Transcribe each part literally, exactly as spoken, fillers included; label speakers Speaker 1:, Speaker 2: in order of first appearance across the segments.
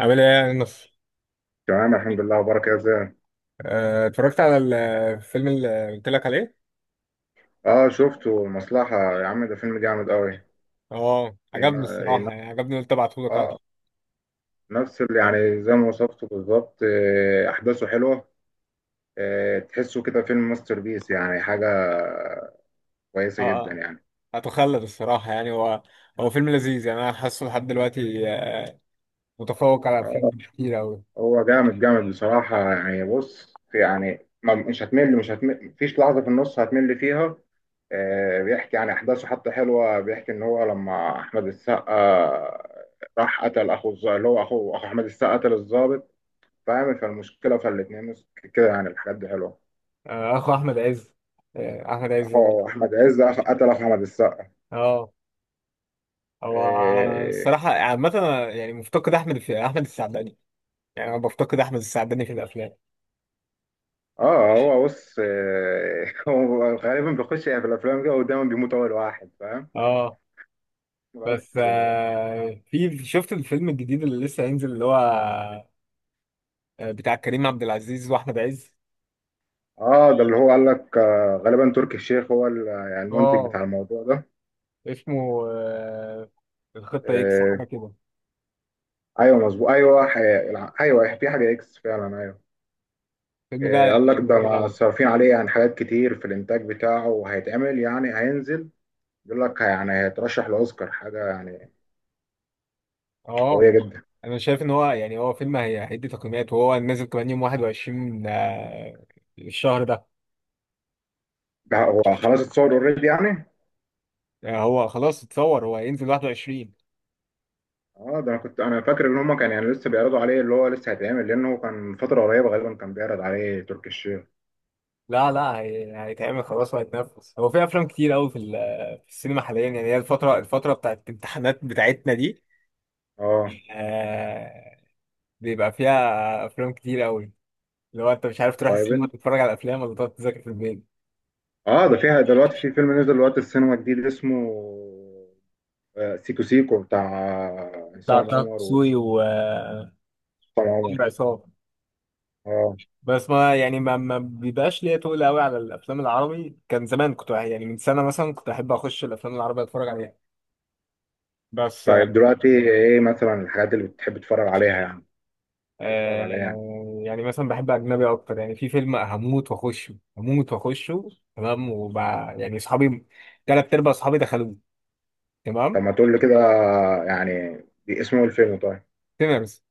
Speaker 1: عامل ايه يا نص؟
Speaker 2: تمام، الحمد لله وبارك يا زين.
Speaker 1: آه، اتفرجت على ال- الفيلم اللي قلت لك عليه.
Speaker 2: اه، شفته مصلحة. يا عم ده فيلم جامد قوي.
Speaker 1: اه عجبني
Speaker 2: ينا- ينا-
Speaker 1: الصراحه، يعني عجبني، قلت ابعته لك. اه
Speaker 2: اه، نفس اللي يعني زي ما وصفته بالظبط. آه، احداثه حلوة. آه، تحسه كده فيلم ماستر بيس يعني حاجة كويسة جدا
Speaker 1: اه
Speaker 2: يعني.
Speaker 1: هتخلد الصراحه، يعني هو هو فيلم لذيذ، يعني انا حاسه لحد دلوقتي آه، متفوق على افلام
Speaker 2: اه،
Speaker 1: كتير قوي.
Speaker 2: هو جامد جامد بصراحة. يعني بص في يعني ما مش هتمل مش هتمل، مفيش لحظة في النص هتمل فيها. آه، بيحكي يعني أحداثه حتى حلوة. بيحكي إن هو لما أحمد السقا راح قتل أخو الظابط، اللي هو أخو أخو أحمد السقا، قتل الظابط، فاهم؟ فالمشكلة فالاتنين كده يعني، الحاجات دي حلوة.
Speaker 1: اخو احمد عز، آه، احمد عز
Speaker 2: هو
Speaker 1: برضه.
Speaker 2: أحمد عز أخ- قتل أخو أحمد السقا.
Speaker 1: اه هو
Speaker 2: إيه،
Speaker 1: الصراحه عامه أنا يعني مفتقد احمد في احمد السعداني، يعني انا بفتقد احمد السعداني في الافلام.
Speaker 2: اه هو بص إيه، هو غالبا بيخش يعني في الأفلام كده ودايما بيموت أول واحد، فاهم؟
Speaker 1: اه بس
Speaker 2: بس.
Speaker 1: آه، في شفت الفيلم الجديد اللي لسه هينزل، اللي هو آه، بتاع كريم عبد العزيز واحمد عز.
Speaker 2: اه، ده اللي هو قال لك، آه، غالبا تركي الشيخ هو ال- يعني المنتج
Speaker 1: اه
Speaker 2: بتاع الموضوع ده.
Speaker 1: اسمه آه، الخطه اكس حاجه
Speaker 2: إيه،
Speaker 1: كده.
Speaker 2: ايوه مظبوط. ايوه ح- الع- ايوه في حاجه اكس فعلا، ايوه.
Speaker 1: الفيلم ده
Speaker 2: إيه،
Speaker 1: يعني
Speaker 2: قال لك
Speaker 1: كان
Speaker 2: ده
Speaker 1: جامد
Speaker 2: ما
Speaker 1: قوي.
Speaker 2: صارفين عليه يعني حاجات كتير في الانتاج بتاعه، وهيتعمل يعني هينزل. بيقول لك يعني هيترشح لاوسكار حاجه يعني قويه
Speaker 1: اه
Speaker 2: جدا.
Speaker 1: انا شايف ان هو يعني هو فيلم هي- هيدي تقييمات، وهو نازل كمان يوم واحد وعشرين آه، الشهر ده.
Speaker 2: ده هو خلاص اتصور اوريدي يعني.
Speaker 1: آه، هو خلاص اتصور، هو هينزل واحد وعشرين.
Speaker 2: اه، ده انا كنت انا فاكر ان هم كان يعني لسه بيعرضوا عليه، اللي هو لسه هيتعمل، لانه كان فتره قريبه غالبا كان بيعرض عليه تركي الشيخ.
Speaker 1: لا لا هي- هيتعمل خلاص وهيتنفس. هو في افلام كتير قوي في ال- في السينما حاليا. يعني هي الفتره الفتره بتاعت الامتحانات بتاعتنا دي
Speaker 2: اه،
Speaker 1: آه، بيبقى فيها افلام كتير قوي. لو انت مش عارف تروح
Speaker 2: طيب
Speaker 1: السينما
Speaker 2: انت.
Speaker 1: تتفرج على افلام ولا تقعد تذاكر في البيت.
Speaker 2: اه، ده فيها دلوقتي في فيلم نزل دلوقتي السينما جديد اسمه آه، سيكو سيكو، بتاع آه،
Speaker 1: بتاع
Speaker 2: عصام
Speaker 1: طه
Speaker 2: عمر وعصام
Speaker 1: دسوقي و عمرو
Speaker 2: عمر.
Speaker 1: عصام.
Speaker 2: اه.
Speaker 1: بس ما يعني ما ما بيبقاش ليا تقول قوي على الافلام العربي، كان زمان كنت يعني من سنه مثلا كنت احب اخش الافلام العربيه اتفرج عليها. بس
Speaker 2: طيب دلوقتي ايه مثلا الحاجات اللي بتحب تتفرج عليها يعني؟ بتحب تتفرج
Speaker 1: آه،
Speaker 2: عليها يعني.
Speaker 1: يعني مثلا بحب اجنبي اكتر، يعني في فيلم هموت واخشه، هموت واخشه، تمام. وبع يعني اصحابي، ثلاث ارباع اصحابي دخلوه،
Speaker 2: طب
Speaker 1: تمام.
Speaker 2: ما تقول لي كده يعني. دي اسمه الفيلم؟ طيب.
Speaker 1: سينرز،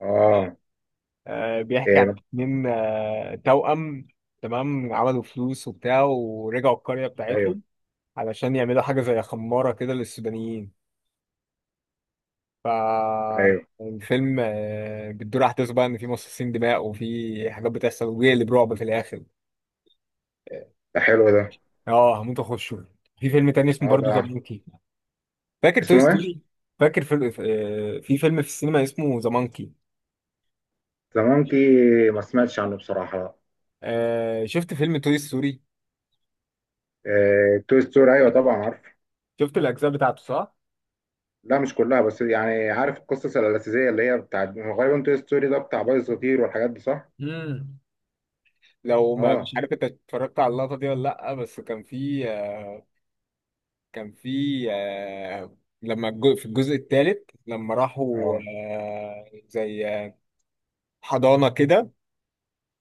Speaker 2: اه.
Speaker 1: آه، بيحكي عن
Speaker 2: ايه،
Speaker 1: اتنين آه، توأم، تمام، عملوا فلوس وبتاع ورجعوا القرية
Speaker 2: ايوه
Speaker 1: بتاعتهم علشان يعملوا حاجة زي خمارة كده للسودانيين. ف
Speaker 2: ايوه.
Speaker 1: الفيلم آه، بتدور أحداث بقى إن في مصاصين دماء وفي حاجات بتحصل، وبيقلب برعب في الآخر.
Speaker 2: ده حلو ده.
Speaker 1: اه هموت أخشه. في فيلم تاني اسمه
Speaker 2: اه
Speaker 1: برضه
Speaker 2: ده.
Speaker 1: ذا مونكي. فاكر توي
Speaker 2: اسمه ايه؟
Speaker 1: ستوري؟ فاكر في آه، في فيلم في السينما اسمه ذا مونكي.
Speaker 2: ذا مونكي. ما سمعتش عنه بصراحة، لا.
Speaker 1: آه، شفت فيلم توي ستوري،
Speaker 2: إيه، توي ستوري، ايوه طبعا عارف.
Speaker 1: شفت الأجزاء بتاعته صح؟
Speaker 2: لا مش كلها، بس يعني عارف القصص الأساسية اللي هي بتاعت، هو غالبا توي ستوري ده بتاع بايظ صغير والحاجات دي، صح؟
Speaker 1: مم. لو ما مش
Speaker 2: اه
Speaker 1: عارف انت اتفرجت على اللقطة دي ولا لأ، بس كان في كان في آه، لما الج- في الجزء الثالث لما راحوا
Speaker 2: اه
Speaker 1: آه، زي آه، حضانة كده،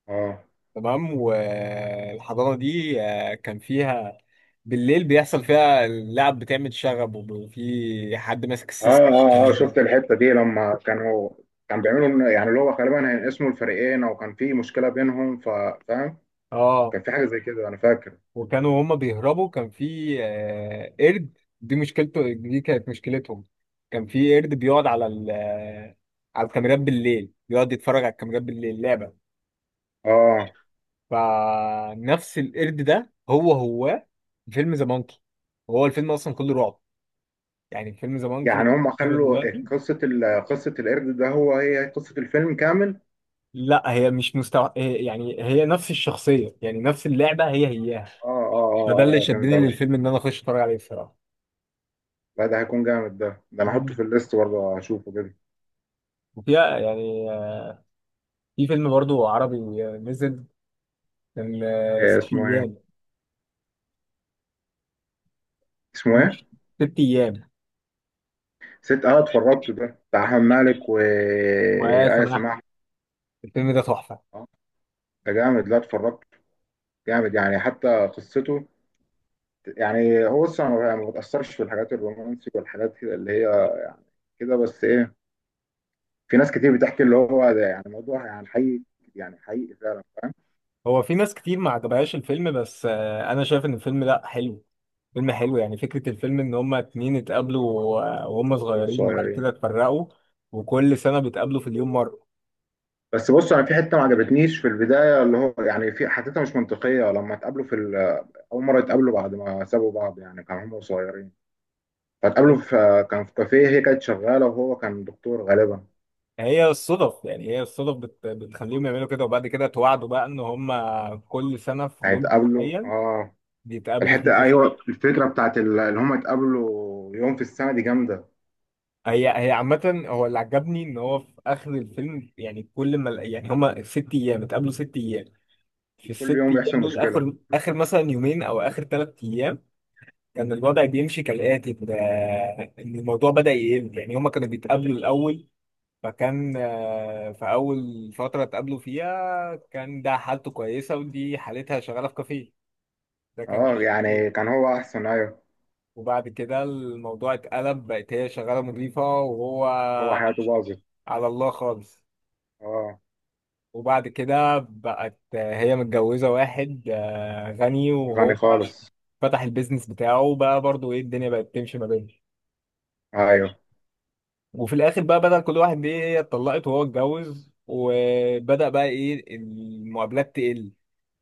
Speaker 2: اه
Speaker 1: تمام. والحضانة دي آه، كان فيها بالليل بيحصل فيها اللعب، بتعمل شغب وفي حد ماسك السيستم
Speaker 2: اه اه اه،
Speaker 1: كده.
Speaker 2: شفت الحتة دي لما كانوا كان بيعملوا إن- يعني اللي هو غالبا هينقسموا الفريقين، او كان في مشكلة بينهم ف- فاهم؟
Speaker 1: اه
Speaker 2: كان في حاجة زي كده انا فاكر.
Speaker 1: وكانوا هما بيهربوا، كان في آه، قرد، دي مشكلته، دي كانت مشكلتهم. كان في قرد بيقعد على ال آه، على الكاميرات بالليل، بيقعد يتفرج على الكاميرات بالليل لعبة.
Speaker 2: اه،
Speaker 1: فنفس القرد ده هو هو فيلم ذا مونكي، وهو الفيلم اصلا كله رعب، يعني فيلم ذا مونكي
Speaker 2: يعني
Speaker 1: اللي احنا
Speaker 2: هم
Speaker 1: فيه
Speaker 2: خلوا
Speaker 1: دلوقتي.
Speaker 2: قصة ال... قصة القرد ده، هو هي قصة الفيلم كامل.
Speaker 1: لا هي مش مستوى، يعني هي نفس الشخصية، يعني نفس اللعبة هي هياها.
Speaker 2: اه اه اه،
Speaker 1: فده اللي
Speaker 2: آه، آه، فهمت
Speaker 1: شدني
Speaker 2: قصدي.
Speaker 1: للفيلم ان انا اخش اتفرج عليه الصراحة.
Speaker 2: لا ده هيكون جامد. ده ده انا احطه
Speaker 1: مم.
Speaker 2: في الليست برضه اشوفه كده.
Speaker 1: وفيها يعني في فيلم برضو عربي نزل، كان آه،
Speaker 2: إيه
Speaker 1: ست
Speaker 2: اسمه ايه؟
Speaker 1: ايام،
Speaker 2: اسمه ايه؟
Speaker 1: ست ايام.
Speaker 2: ست. اه، اتفرجته، ده بتاع احمد مالك
Speaker 1: ويا
Speaker 2: وآية
Speaker 1: سماح،
Speaker 2: سماحة.
Speaker 1: الفيلم ده تحفه.
Speaker 2: اه، ده جامد. لا اتفرجته، جامد يعني حتى قصته. يعني هو بص انا ما بتأثرش في الحاجات الرومانسي والحاجات كده اللي هي كده، بس ايه، في ناس كتير بتحكي اللي هو ده يعني الموضوع يعني حقيقي، يعني حقيقي فعلا، فاهم؟
Speaker 1: هو في ناس كتير ما عجبهاش الفيلم، بس آه، انا شايف ان الفيلم لا حلو، فيلم حلو. يعني فكره الفيلم ان هما اتنين اتقابلوا و- وهم
Speaker 2: مش
Speaker 1: صغيرين، وبعد
Speaker 2: صغيرين.
Speaker 1: كده اتفرقوا، وكل سنه بيتقابلوا في اليوم مره.
Speaker 2: بس بص انا في حته ما عجبتنيش في البدايه، اللي هو يعني في حتتها مش منطقيه لما اتقابلوا في ال- اول مره اتقابلوا بعد ما سابوا بعض، يعني كانوا هم صغيرين، فاتقابلوا في كان في كافيه، هي كانت شغاله وهو كان دكتور غالبا.
Speaker 1: هي الصدف يعني هي الصدف بت... بتخليهم يعملوا كده، وبعد كده اتوعدوا بقى ان هم كل سنه في يوم
Speaker 2: هيتقابلوا
Speaker 1: معين
Speaker 2: اه.
Speaker 1: بيتقابلوا فيه.
Speaker 2: الحته، ايوه، الفكره بتاعت ال- اللي هم اتقابلوا يوم في السنه دي، جامده.
Speaker 1: هي هي عامة هو اللي عجبني ان هو في اخر الفيلم، يعني كل ما يعني هما ست ايام اتقابلوا ست ايام، في
Speaker 2: كل
Speaker 1: الست
Speaker 2: يوم بيحصل
Speaker 1: ايام دول
Speaker 2: مشكله.
Speaker 1: اخر اخر مثلا يومين او اخر ثلاث ايام، كان الوضع بيمشي كالاتي ان إن الموضوع بدأ يقل. يعني هما كانوا بيتقابلوا الاول، فكان آه، في اول فترة اتقابلوا فيها كان ده حالته كويسة، ودي حالتها شغالة في كافيه، ده كان
Speaker 2: اه،
Speaker 1: شغله.
Speaker 2: يعني كان هو احسن، ايوه.
Speaker 1: وبعد كده الموضوع اتقلب، بقت هي شغالة مضيفة وهو
Speaker 2: هو حياته باظت.
Speaker 1: على الله خالص.
Speaker 2: اه،
Speaker 1: وبعد كده بقت هي متجوزة واحد آه، غني، وهو
Speaker 2: غني خالص.
Speaker 1: فتح البيزنس بتاعه بقى برضو، ايه الدنيا بقت تمشي ما بينهم.
Speaker 2: ايوه،
Speaker 1: وفي الاخر بقى بدل كل واحد ايه، هي اتطلقت وهو اتجوز، وبدأ بقى ايه المقابلات تقل،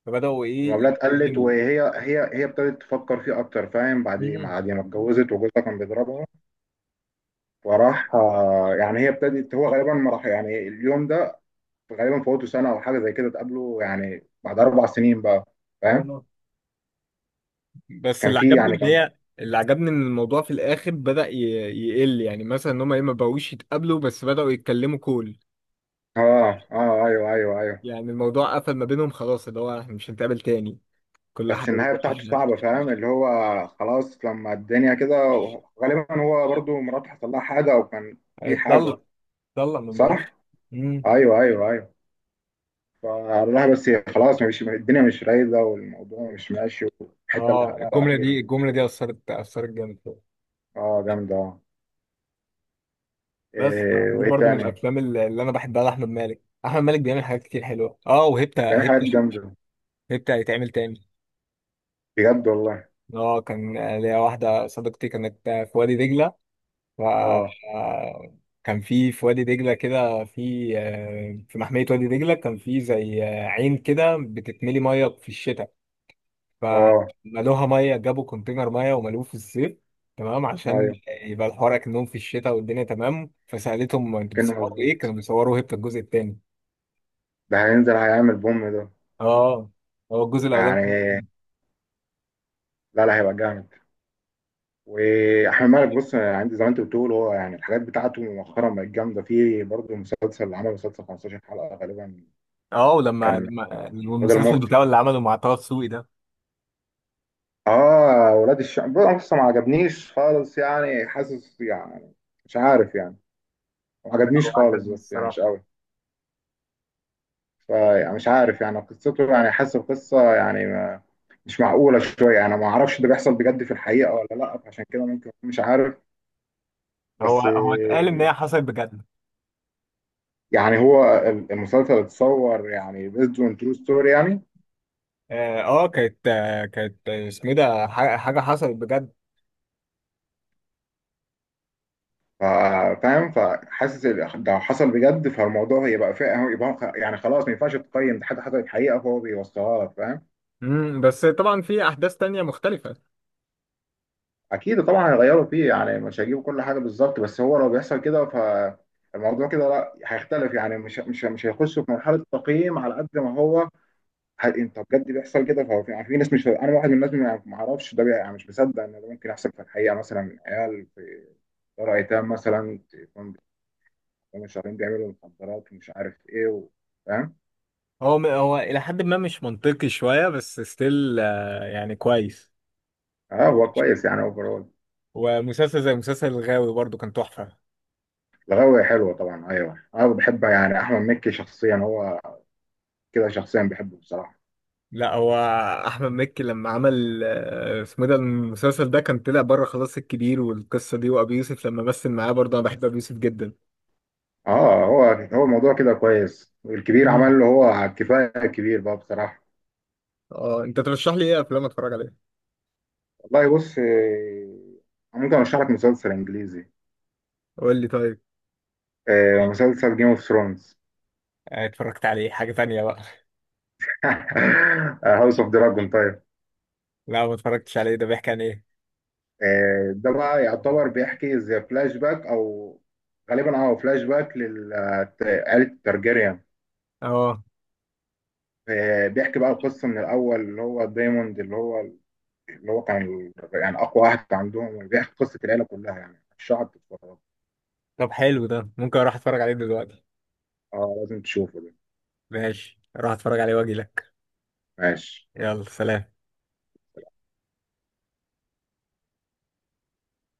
Speaker 1: فبدأوا ايه
Speaker 2: المقابلات قلت،
Speaker 1: يتكلموا.
Speaker 2: وهي هي هي ابتدت تفكر فيه اكتر، فاهم؟ بعد
Speaker 1: مم.
Speaker 2: بعد ما اتجوزت وجوزها كان بيضربها. فراح آه، يعني هي ابتدت، هو غالبا ما راح يعني اليوم ده، غالبا فوته سنه او حاجه زي كده، اتقابلوا يعني بعد اربع سنين بقى، فاهم؟
Speaker 1: آه. بس
Speaker 2: كان
Speaker 1: اللي
Speaker 2: في
Speaker 1: عجبني
Speaker 2: يعني
Speaker 1: ان
Speaker 2: كان.
Speaker 1: هي اللي عجبني ان الموضوع في الاخر بدأ ي- يقل، يعني مثلا ان هم ايه ما بقوش يتقابلوا، بس بدأوا يتكلموا كول.
Speaker 2: اه اه، ايوه ايوه ايوه.
Speaker 1: يعني الموضوع قفل ما بينهم خلاص، اللي هو احنا مش هنتقابل تاني، كل
Speaker 2: بس
Speaker 1: حاجة
Speaker 2: النهايه بتاعته
Speaker 1: بتحب.
Speaker 2: صعبه، فاهم اللي هو، خلاص لما الدنيا كده، غالبا هو برضو مراته حصل لها حاجه او كان في حاجه.
Speaker 1: هيتطلق هيتطلق من مراته.
Speaker 2: صح.
Speaker 1: امم.
Speaker 2: ايوه ايوه ايوه. فالله بس. خلاص، مش الدنيا مش رايقة والموضوع مش ماشي، والحتة اللي
Speaker 1: اه
Speaker 2: خلقها
Speaker 1: الجمله
Speaker 2: الأخيرة
Speaker 1: دي،
Speaker 2: دي.
Speaker 1: الجمله دي اثرت، اثرت جامد فيا.
Speaker 2: اه جامدة اه.
Speaker 1: بس
Speaker 2: إيه
Speaker 1: دي
Speaker 2: وإيه
Speaker 1: برضو من
Speaker 2: تاني؟
Speaker 1: الافلام اللي اللي انا بحبها لاحمد مالك. احمد مالك بيعمل حاجات كتير حلوه. اه وهبته
Speaker 2: ده في حاجات
Speaker 1: هبته
Speaker 2: جامدة،
Speaker 1: هبته هيتعمل تاني.
Speaker 2: بجد والله.
Speaker 1: اه كان ليا واحده صديقتي كانت في وادي دجله. ف
Speaker 2: اه.
Speaker 1: آه، كان في في وادي دجله كده في آه، في محميه وادي دجله، كان في زي آه، عين كده بتتملي ميه في الشتاء،
Speaker 2: اه
Speaker 1: فملوها ميه، جابوا كونتينر ميه وملوه في الصيف، تمام، عشان
Speaker 2: أيوه.
Speaker 1: يبقى الحوار اكنهم في الشتاء والدنيا تمام. فسالتهم انتوا
Speaker 2: كأنه
Speaker 1: بتصوروا ايه،
Speaker 2: مظبوط.
Speaker 1: كانوا بيصوروا هيبت الجزء الثاني.
Speaker 2: ده هينزل هيعمل بوم ده
Speaker 1: اه هو الجزء الاولاني
Speaker 2: يعني.
Speaker 1: كان-
Speaker 2: لا لا هيبقى جامد. وأحمد مالك بص، عندي زي ما أنت بتقول، هو يعني الحاجات بتاعته مؤخرا بقت جامدة، في برضه مسلسل، عمل مسلسل 15 حلقة غالبا.
Speaker 1: اه ولما
Speaker 2: كان
Speaker 1: لما
Speaker 2: هدى
Speaker 1: المسلسل
Speaker 2: المفتي.
Speaker 1: بتاعه اللي عمله مع طه دسوقي ده،
Speaker 2: اه، ولاد الشمس بص ما عجبنيش خالص، يعني حاسس يعني مش عارف يعني، ما
Speaker 1: لا، هو
Speaker 2: عجبنيش خالص،
Speaker 1: عجبني
Speaker 2: بس يعني مش
Speaker 1: الصراحه.
Speaker 2: قوي. فيعني مش عارف يعني قصته، يعني حاسس القصه يعني ما، مش معقوله شويه، انا ما اعرفش ده بيحصل بجد في الحقيقه ولا لا، فعشان كده ممكن أكون مش عارف.
Speaker 1: هو
Speaker 2: بس
Speaker 1: هو اتقال ان
Speaker 2: آه،
Speaker 1: هي حصلت بجد.
Speaker 2: يعني هو ال- المسلسل اتصور يعني based on true story يعني.
Speaker 1: اه آه، كانت آه، كانت آه، اسمه إيه ده، ح- حاجه حصلت بجد.
Speaker 2: فا- فاهم؟ فحاسس ال- ده حصل بجد، فالموضوع هيبقى فيه، يبقى يعني خلاص ما ينفعش تقيم، ده حاجه حصلت حقيقه فهو بيوصلها لك، فاهم؟
Speaker 1: امم بس طبعا في احداث تانية مختلفة.
Speaker 2: اكيد طبعا هيغيروا فيه، يعني مش هيجيبوا كل حاجه بالظبط، بس هو لو بيحصل كده فالموضوع كده لا، هيختلف يعني مش مش مش هيخشوا في مرحله تقييم على قد ما هو. ه- انت بجد بيحصل كده، فهو في، يعني في ناس، مش انا واحد من الناس، ما ما اعرفش ده بي- يعني مش مصدق ان ده ممكن يحصل في الحقيقه، مثلا عيال في دار ايتام مثلا تكون، بتكون شهرين بيعملوا مخدرات ومش عارف ايه و... فاهم.
Speaker 1: هو هو إلى حد ما مش منطقي شوية، بس ستيل يعني كويس.
Speaker 2: اه هو كويس يعني اوفرول.
Speaker 1: ومسلسل زي مسلسل الغاوي برضو كان تحفة.
Speaker 2: الغاوية حلوة طبعا ايوه، انا بحب يعني احمد مكي شخصيا، هو كده شخصيا بحبه بصراحة.
Speaker 1: لا، هو أحمد مكي لما عمل آه، اسمه ده المسلسل ده، كان طلع بره خلاص، الكبير والقصة دي. وأبي يوسف لما مثل معاه برضه أنا بحب أبي يوسف جدا.
Speaker 2: اه هو هو الموضوع كده كويس، الكبير
Speaker 1: مم.
Speaker 2: عمل له هو على الكفايه، الكبير بقى بصراحه.
Speaker 1: اه أنت ترشح لي إيه أفلام أتفرج عليها؟
Speaker 2: والله بص، آه، ممكن ارشح لك مسلسل انجليزي.
Speaker 1: قول لي طيب.
Speaker 2: آه، مسلسل جيم اوف ثرونز.
Speaker 1: آه، اتفرجت عليه، حاجة تانية بقى.
Speaker 2: هاوس اوف دراجون طيب.
Speaker 1: لا ما اتفرجتش عليه، ده بيحكي عن إيه؟
Speaker 2: آه، ده بقى يعتبر بيحكي زي فلاش باك او غالبا اه فلاش باك لعائله الترجيريان.
Speaker 1: اه
Speaker 2: آه، بيحكي بقى قصه من الاول، اللي هو دايموند، اللي هو اللي هو كان ال- يعني اقوى واحد عندهم، بيحكي قصه العيله كلها، يعني الشعب بتتفرج.
Speaker 1: طب حلو ده، ممكن أروح أتفرج عليه دلوقتي.
Speaker 2: اه لازم تشوفه ده.
Speaker 1: ماشي أروح أتفرج عليه وأجي لك.
Speaker 2: ماشي.
Speaker 1: يلا سلام.